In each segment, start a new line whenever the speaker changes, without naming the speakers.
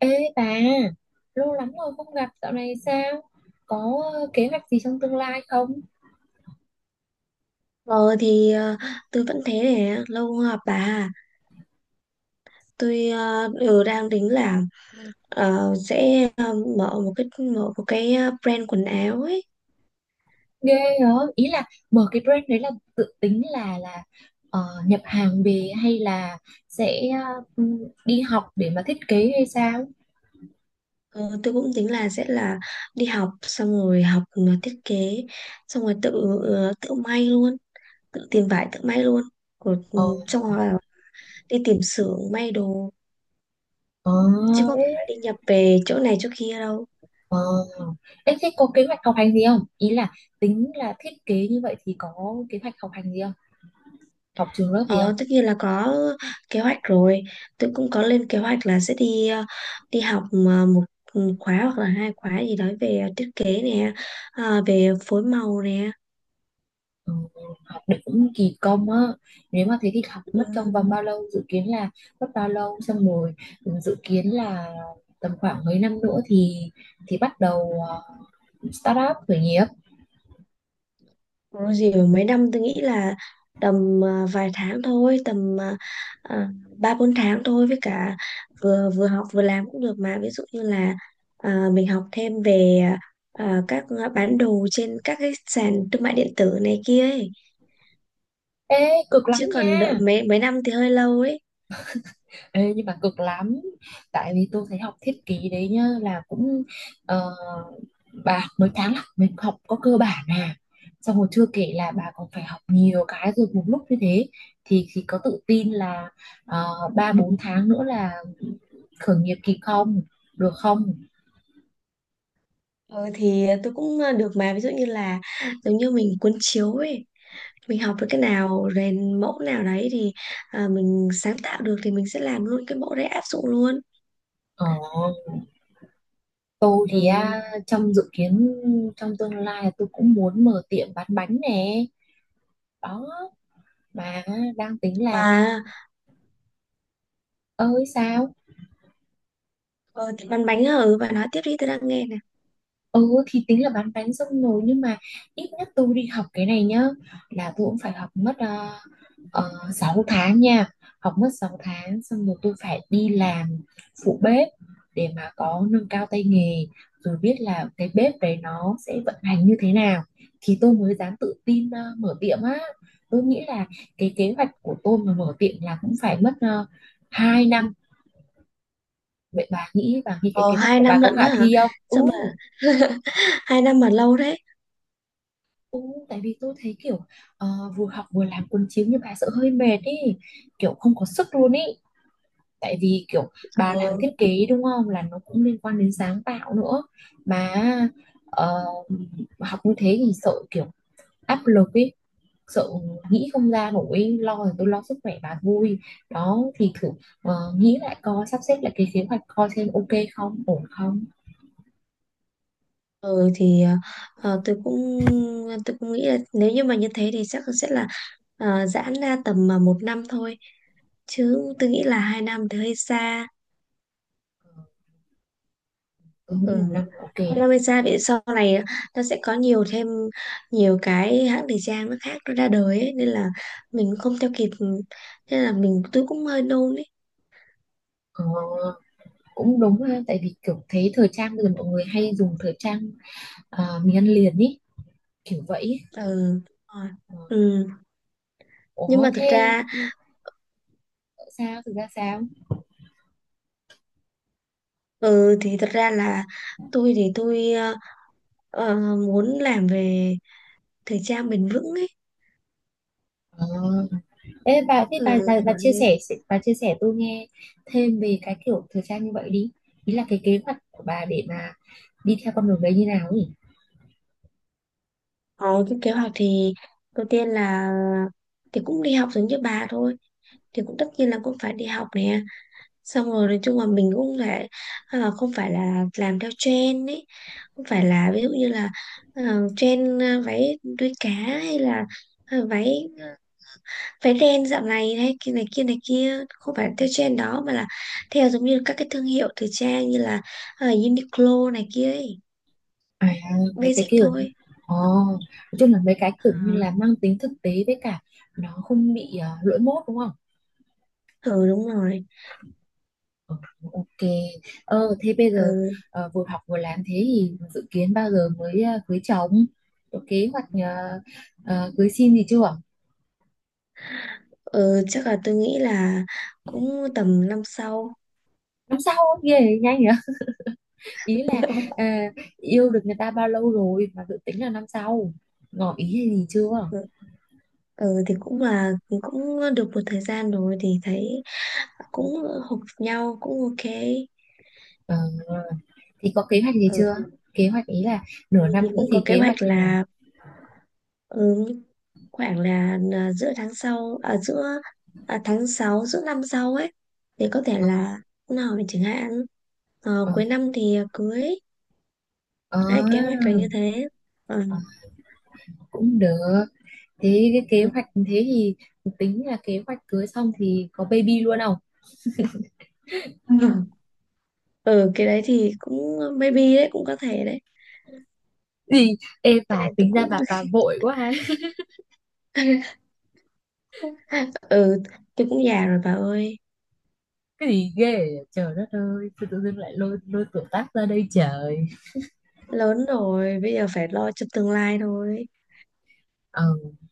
Ê bà, lâu lắm rồi không gặp, dạo này sao? Có kế hoạch gì trong tương lai không?
Ờ thì tôi vẫn thế này, lâu không gặp bà à. Tôi đều đang tính là sẽ mở một cái brand quần áo ấy.
Ghê hả? Ý là mở cái brand đấy là tự tính là ờ, nhập hàng về hay là sẽ ờ, đi học để mà thiết kế hay sao?
Ờ, tôi cũng tính là sẽ là đi học, xong rồi học thiết kế, xong rồi tự may luôn, tự tìm vải tự may luôn rồi,
Ờ,
xong rồi đi tìm xưởng may đồ,
ờ,
chứ có
ê,
phải là đi nhập về chỗ này chỗ kia đâu.
ờ. Ê, thế có kế hoạch học hành gì không? Ý là tính là thiết kế như vậy thì có kế hoạch học hành gì không? Học trường lớp gì không?
Ờ, tất nhiên là có kế hoạch rồi. Tôi cũng có lên kế hoạch là sẽ đi học mà một một khóa hoặc là hai khóa gì đó về thiết kế nè, về phối màu nè.
Ờ, đỉnh kỳ công á, nếu mà thế thì học mất
Ừ,
trong vòng bao lâu, dự kiến là mất bao lâu xong rồi ừ, dự kiến là tầm khoảng mấy năm nữa thì bắt đầu start up khởi nghiệp.
có gì mà mấy năm, tôi nghĩ là tầm vài tháng thôi, tầm ờ, 3-4 tháng thôi, với cả vừa vừa học vừa làm cũng được mà. Ví dụ như là mình học thêm về các bán đồ trên các cái sàn thương mại điện tử này kia ấy.
Ê cực lắm
Chứ còn đợi
nha.
mấy mấy năm thì hơi lâu ấy.
Ê, nhưng mà cực lắm, tại vì tôi thấy học thiết kế đấy nhá là cũng ờ, bà mới tháng là mình học có cơ bản à, xong rồi chưa kể là bà còn phải học nhiều cái rồi một lúc như thế thì có tự tin là ờ, ba bốn tháng nữa là khởi nghiệp kịp không, được không?
Ờ, thì tôi cũng được mà. Ví dụ như là giống như mình cuốn chiếu ấy, mình học được cái nào rèn mẫu nào đấy thì, mình sáng tạo được thì mình sẽ làm luôn cái mẫu đấy, áp dụng luôn.
Ờ, tôi thì
Ừ.
à, trong dự kiến, trong tương lai là tôi cũng muốn mở tiệm bán bánh nè, đó, mà đang tính là
Và
ơi sao.
ờ, thì bánh bánh ở, và nói tiếp đi, tôi đang nghe nè.
Ừ thì tính là bán bánh xong rồi, nhưng mà ít nhất tôi đi học cái này nhá, là tôi cũng phải học mất 6 tháng nha, học mất 6 tháng xong rồi tôi phải đi làm phụ bếp để mà có nâng cao tay nghề, rồi biết là cái bếp đấy nó sẽ vận hành như thế nào thì tôi mới dám tự tin mở tiệm á. Tôi nghĩ là cái kế hoạch của tôi mà mở tiệm là cũng phải mất uh, 2 năm. Vậy bà nghĩ cái
Ờ
kế hoạch
hai
của bà
năm
có
lận
khả
hả?
thi không? Ừ.
Sao mà 2 năm mà lâu đấy
Ừ, tại vì tôi thấy kiểu ờ, vừa học vừa làm cuốn chiếu như bà sợ hơi mệt ý, kiểu không có sức luôn ý, tại vì kiểu bà làm
ờ
thiết kế đúng không, là nó cũng liên quan đến sáng tạo nữa mà ờ, học như thế thì sợ kiểu áp lực ý, sợ nghĩ không ra nổi ý. Lo thì tôi lo sức khỏe bà vui, đó thì thử nghĩ lại coi, sắp xếp lại cái kế hoạch coi xem ok không, ổn không.
Ừ thì ờ, tôi cũng tôi cũng nghĩ là nếu như mà như thế thì chắc sẽ là giãn ra tầm mà 1 năm thôi, chứ tôi nghĩ là 2 năm thì hơi xa.
Tôi nghĩ
Ừ.
một năm là ok
Hai
đấy.
năm hơi xa vì sau này nó sẽ có nhiều thêm nhiều cái hãng thời trang nó khác nó ra đời ấy, nên là mình không theo kịp, nên là tôi cũng hơi nôn ấy.
Ờ, cũng đúng ha, tại vì kiểu thấy thời trang bây giờ mọi người hay dùng thời trang, à, miếng ăn liền ý, kiểu vậy ý.
Ừ. Rồi.
Ờ.
Ừ. Nhưng
Ủa
mà thật
thế
ra,
sao, thực ra sao?
ừ thì thật ra là tôi thì tôi muốn làm về thời trang bền vững ấy.
Ờ. Ê, bà, thế
Ừ,
bà
Kiểu
chia
thế.
sẻ, bà chia sẻ tôi nghe thêm về cái kiểu thời trang như vậy đi, ý là cái kế hoạch của bà để mà đi theo con đường đấy như nào ấy.
Ờ, cái kế hoạch thì đầu tiên là thì cũng đi học giống như bà thôi, thì cũng tất nhiên là cũng phải đi học nè, xong rồi nói chung là mình cũng phải, không phải là làm theo trend ấy, không phải là ví dụ như là trend váy đuôi cá hay là à, váy ờ, váy đen dạo này hay kia này kia này kia, không phải theo trend đó mà là theo giống như các cái thương hiệu thời trang như là Uniqlo này kia ấy,
À, mấy cái
basic
kiểu.
thôi.
Ồ, nói chung là mấy cái kiểu như là
Ờ,
mang tính thực tế, với cả nó không bị lỗi mốt đúng không.
ừ đúng rồi.
Ờ, Ok. Ờ, thế bây giờ
Ừ,
vừa học vừa làm thế thì dự kiến bao giờ mới cưới chồng? Có kế hoạch cưới xin gì chưa?
ừ, chắc là tôi nghĩ là cũng tầm năm sau.
Năm sau không? Ghê nhanh nhỉ? Ý là ờ, yêu được người ta bao lâu rồi mà dự tính là năm sau. Ngỏ ý hay gì chưa?
Ừ, ừ, thì cũng là cũng được một thời gian rồi thì thấy cũng hợp nhau, cũng ok.
Ờ, thì có kế hoạch gì
Ừ,
chưa? Kế hoạch ý là nửa năm
thì
nữa
cũng có
thì
kế
kế
hoạch
hoạch như nào?
là, ừ, khoảng là giữa tháng sau, giữa tháng 6 giữa năm sau ấy, thì có thể
Ờ,
là hôm nào mình chẳng hạn,
ờ,
cuối năm thì cưới.
ờ,
Đấy, kế hoạch là như thế. Ờ,
ờ, cũng được. Thế cái kế
ừ.
hoạch thế thì tính là kế hoạch cưới xong thì có baby luôn không?
Ừ, cái đấy thì cũng maybe đấy, cũng có thể đấy.
Gì, em
Cái
bà
này tôi
tính ra
cũng
bà vội quá ha.
ừ, tôi cũng già rồi bà ơi,
Cái gì ghê vậy? Trời đất ơi, tôi tự dưng lại lôi lôi tuổi tác ra đây trời.
lớn rồi bây giờ phải lo cho tương lai thôi.
Ờ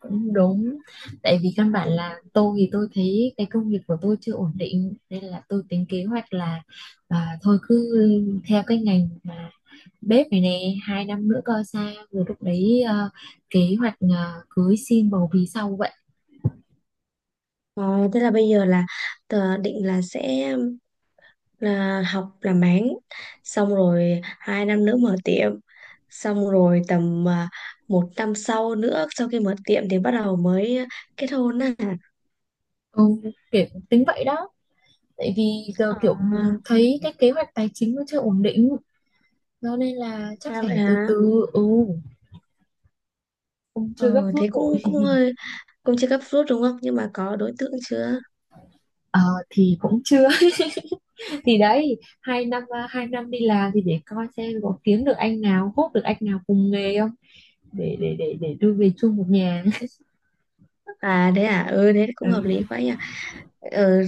cũng đúng, tại vì căn bản
Ừ.
là tôi thấy cái công việc của tôi chưa ổn định, nên là tôi tính kế hoạch là à, thôi cứ theo cái ngành mà bếp này nè, hai năm nữa coi sao rồi lúc đấy kế hoạch cưới xin bầu bí sau vậy.
Ờ, thế là bây giờ là tờ định là sẽ là học làm bán, xong rồi 2 năm nữa mở tiệm, xong rồi tầm 1 năm sau nữa sau khi mở tiệm thì bắt đầu mới kết hôn á.
Ừ, kiểu tính vậy đó, tại vì giờ kiểu
à,
thấy cái kế hoạch tài chính nó chưa ổn định. Đó nên là chắc phải
Vậy
từ
hả?
từ, ừ, cũng
Ừ,
chưa gấp rút
thế
vội.
cũng cũng hơi, cũng chưa cấp rút đúng không, nhưng mà có đối tượng chưa?
Ờ, thì cũng chưa. Thì đấy hai năm, hai năm đi làm thì để coi xem có kiếm được anh nào, hốt được anh nào cùng nghề không, để đưa về chung một nhà.
Thế à? Ừ, thế cũng
Ừ.
hợp lý quá nhỉ. Ừ,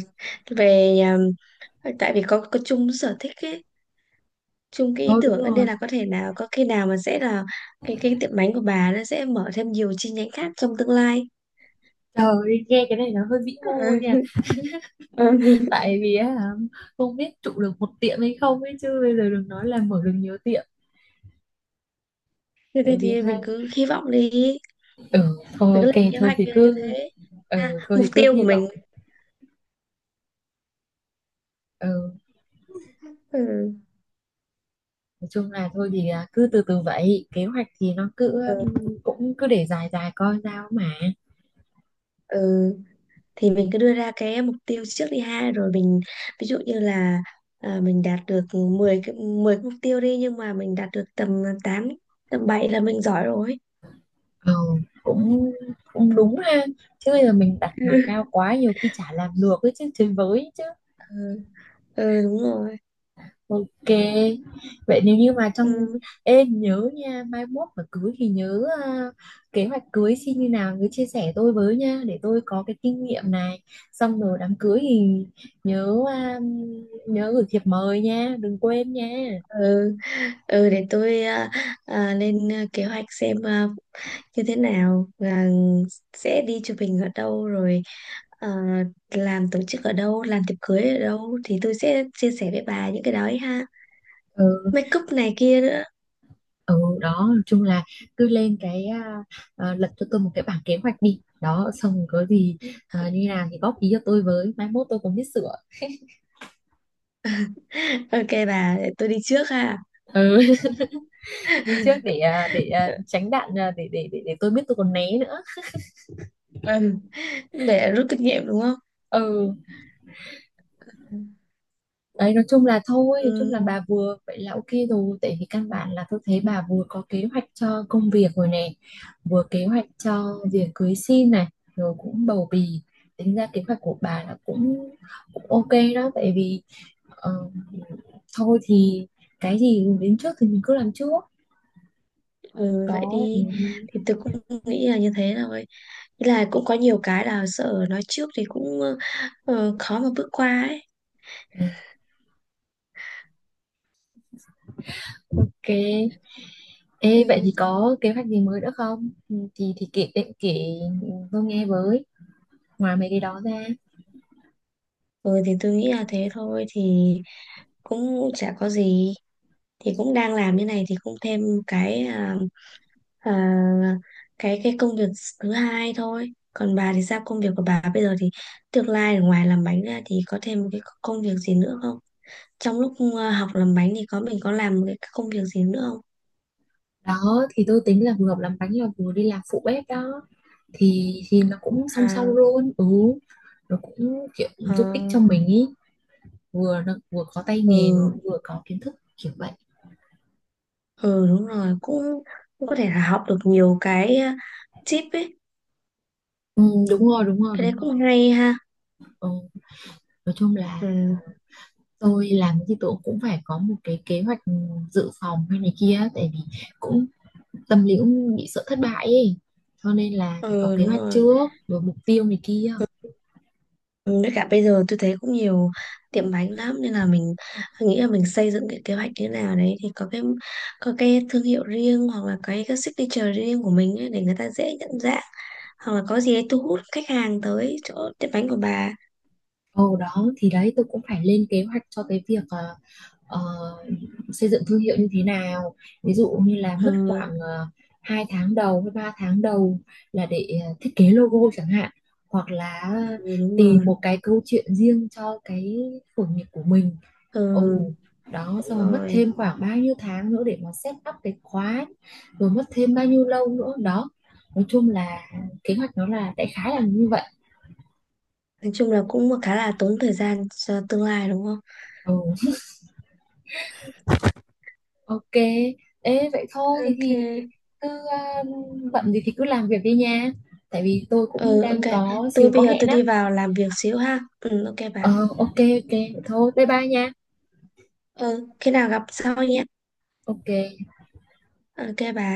về tại vì có chung sở thích ấy, chung cái
Ờ
ý
đúng
tưởng ấy, nên
rồi.
là có thể nào có khi nào mà sẽ là cái tiệm bánh của bà nó sẽ mở thêm nhiều chi nhánh khác trong tương lai.
Trời ơi, nghe cái này nó hơi vĩ mô nha.
Ừ. Ừ.
Tại vì á, không biết trụ được một tiệm hay không ấy, chứ bây giờ đừng nói là mở được nhiều tiệm.
Thế thì,
Tại vì
thì
hai.
mình cứ hy vọng đi,
Ừ thôi
mình cứ lên
ok,
kế
thôi
hoạch
thì
như
cứ.
thế,
Ừ thôi
mục
thì cứ
tiêu của
hy
mình.
vọng. Ừ,
Ừ.
nói chung là thôi thì à, cứ từ từ vậy, kế hoạch thì nó cứ
Ừ.
cũng cứ để dài dài coi sao mà.
Ừ. Thì mình cứ đưa ra cái mục tiêu trước đi ha, rồi mình ví dụ như là, mình đạt được 10 cái 10 cái mục tiêu đi, nhưng mà mình đạt được tầm tám, tầm bảy là mình giỏi rồi.
Ừ, cũng cũng đúng ha, chứ bây giờ mình đặt mà cao quá nhiều khi chả làm được ấy, chứ chơi với chứ.
Ừ, ừ đúng rồi.
Ok vậy, nếu như mà trong
Ừ,
em nhớ nha, mai mốt mà cưới thì nhớ à, kế hoạch cưới xin như nào cứ chia sẻ tôi với nha, để tôi có cái kinh nghiệm này, xong rồi đám cưới thì nhớ à, nhớ gửi thiệp mời nha, đừng quên nha.
ừ, ừ để tôi, lên kế hoạch xem như thế nào, và sẽ đi chụp hình ở đâu rồi, à, làm tổ chức ở đâu, làm tiệc cưới ở đâu, thì tôi sẽ chia sẻ với bà những cái đó ấy ha,
Ừ,
make up này kia nữa.
ừ, đó, nói chung là cứ lên cái à, à, lập cho tôi một cái bảng kế hoạch đi, đó xong rồi có gì à, như nào thì góp ý cho tôi với, mai mốt tôi còn biết sửa.
Ok bà, để tôi đi trước ha.
Ừ. Đi trước để à, tránh đạn à, để tôi biết tôi còn né nữa.
Ừm, để rút kinh nghiệm đúng không?
Ừ, đấy nói chung là thôi, nói chung
Ừ,
là bà vừa vậy là ok rồi, tại vì căn bản là tôi thấy bà vừa có kế hoạch cho công việc rồi này, vừa kế hoạch cho việc cưới xin này, rồi cũng bầu bì, tính ra kế hoạch của bà là cũng cũng ok đó, tại vì ờ, thôi thì cái gì đến trước thì mình cứ làm trước.
ừ, vậy
Đó ừ,
đi. Thì tôi cũng nghĩ là như thế rồi. Thế là cũng có nhiều cái là sợ nói trước thì cũng khó mà bước qua ấy.
ừ, ok. Ê, vậy
Ừ.
thì có kế hoạch gì mới nữa không? Ừ, thì kể định kể tôi nghe với, ngoài mấy cái đó ra.
Ừ, thì tôi nghĩ là thế thôi. Thì cũng chả có gì. Thì cũng đang làm như này thì cũng thêm cái à, à, cái công việc thứ hai thôi, còn bà thì sao, công việc của bà bây giờ thì tương lai ở ngoài làm bánh ra thì có thêm một cái công việc gì nữa không? Trong lúc học làm bánh thì mình có làm cái công việc gì nữa không?
Đó thì tôi tính là vừa học làm bánh là vừa đi làm phụ bếp đó, thì nó cũng song song
à
luôn ừ, nó cũng kiểu
ờ,
giúp ích cho mình ý, vừa nó vừa có tay nghề mà
ừ,
vừa có kiến thức kiểu vậy.
ừ đúng rồi, cũng cũng có thể là học được nhiều cái tip ấy.
Ừ, đúng rồi đúng rồi
Cái đấy
đúng
cũng
rồi
hay ha.
Ừ, nói chung là
Ừ,
tôi làm thì tôi cũng phải có một cái kế hoạch dự phòng hay này kia, tại vì cũng tâm lý cũng bị sợ thất bại ấy, cho nên là phải có
ừ
kế
đúng
hoạch
rồi.
trước rồi mục tiêu này kia.
Ừ, với cả bây giờ tôi thấy cũng nhiều tiệm bánh lắm, nên là mình nghĩ là mình xây dựng cái kế hoạch như thế nào đấy, thì có cái thương hiệu riêng, hoặc là cái signature riêng của mình ấy, để người ta dễ nhận dạng, hoặc là có gì đấy thu hút khách hàng tới chỗ tiệm bánh của bà.
Ồ đó thì đấy tôi cũng phải lên kế hoạch cho cái việc ờ, xây dựng thương hiệu như thế nào, ví dụ như là mất
Ừ,
khoảng 2 tháng đầu hay 3 tháng đầu là để thiết kế logo chẳng hạn, hoặc là
ừ đúng
tìm
rồi,
một cái câu chuyện riêng cho cái khởi nghiệp của mình.
ừ
Ồ, đó
đúng
xong rồi mất
rồi.
thêm khoảng bao nhiêu tháng nữa để mà set up cái khóa, rồi mất thêm bao nhiêu lâu nữa đó, nói chung là kế hoạch nó là đại khái là như vậy.
Nói chung là cũng khá là tốn thời gian cho tương lai đúng không?
Ừ. Ok. Ê vậy thôi thì
Ok.
cứ bận gì thì cứ làm việc đi nha, tại vì tôi cũng
Ừ, ok,
đang có xíu
tôi
có
bây giờ
hẹn
tôi đi
á.
vào làm việc xíu ha. Ừ, ok bà.
Ờ ok ok vậy thôi bye bye nha.
Ừ, khi nào gặp sau nhé.
Ok.
Ok bà.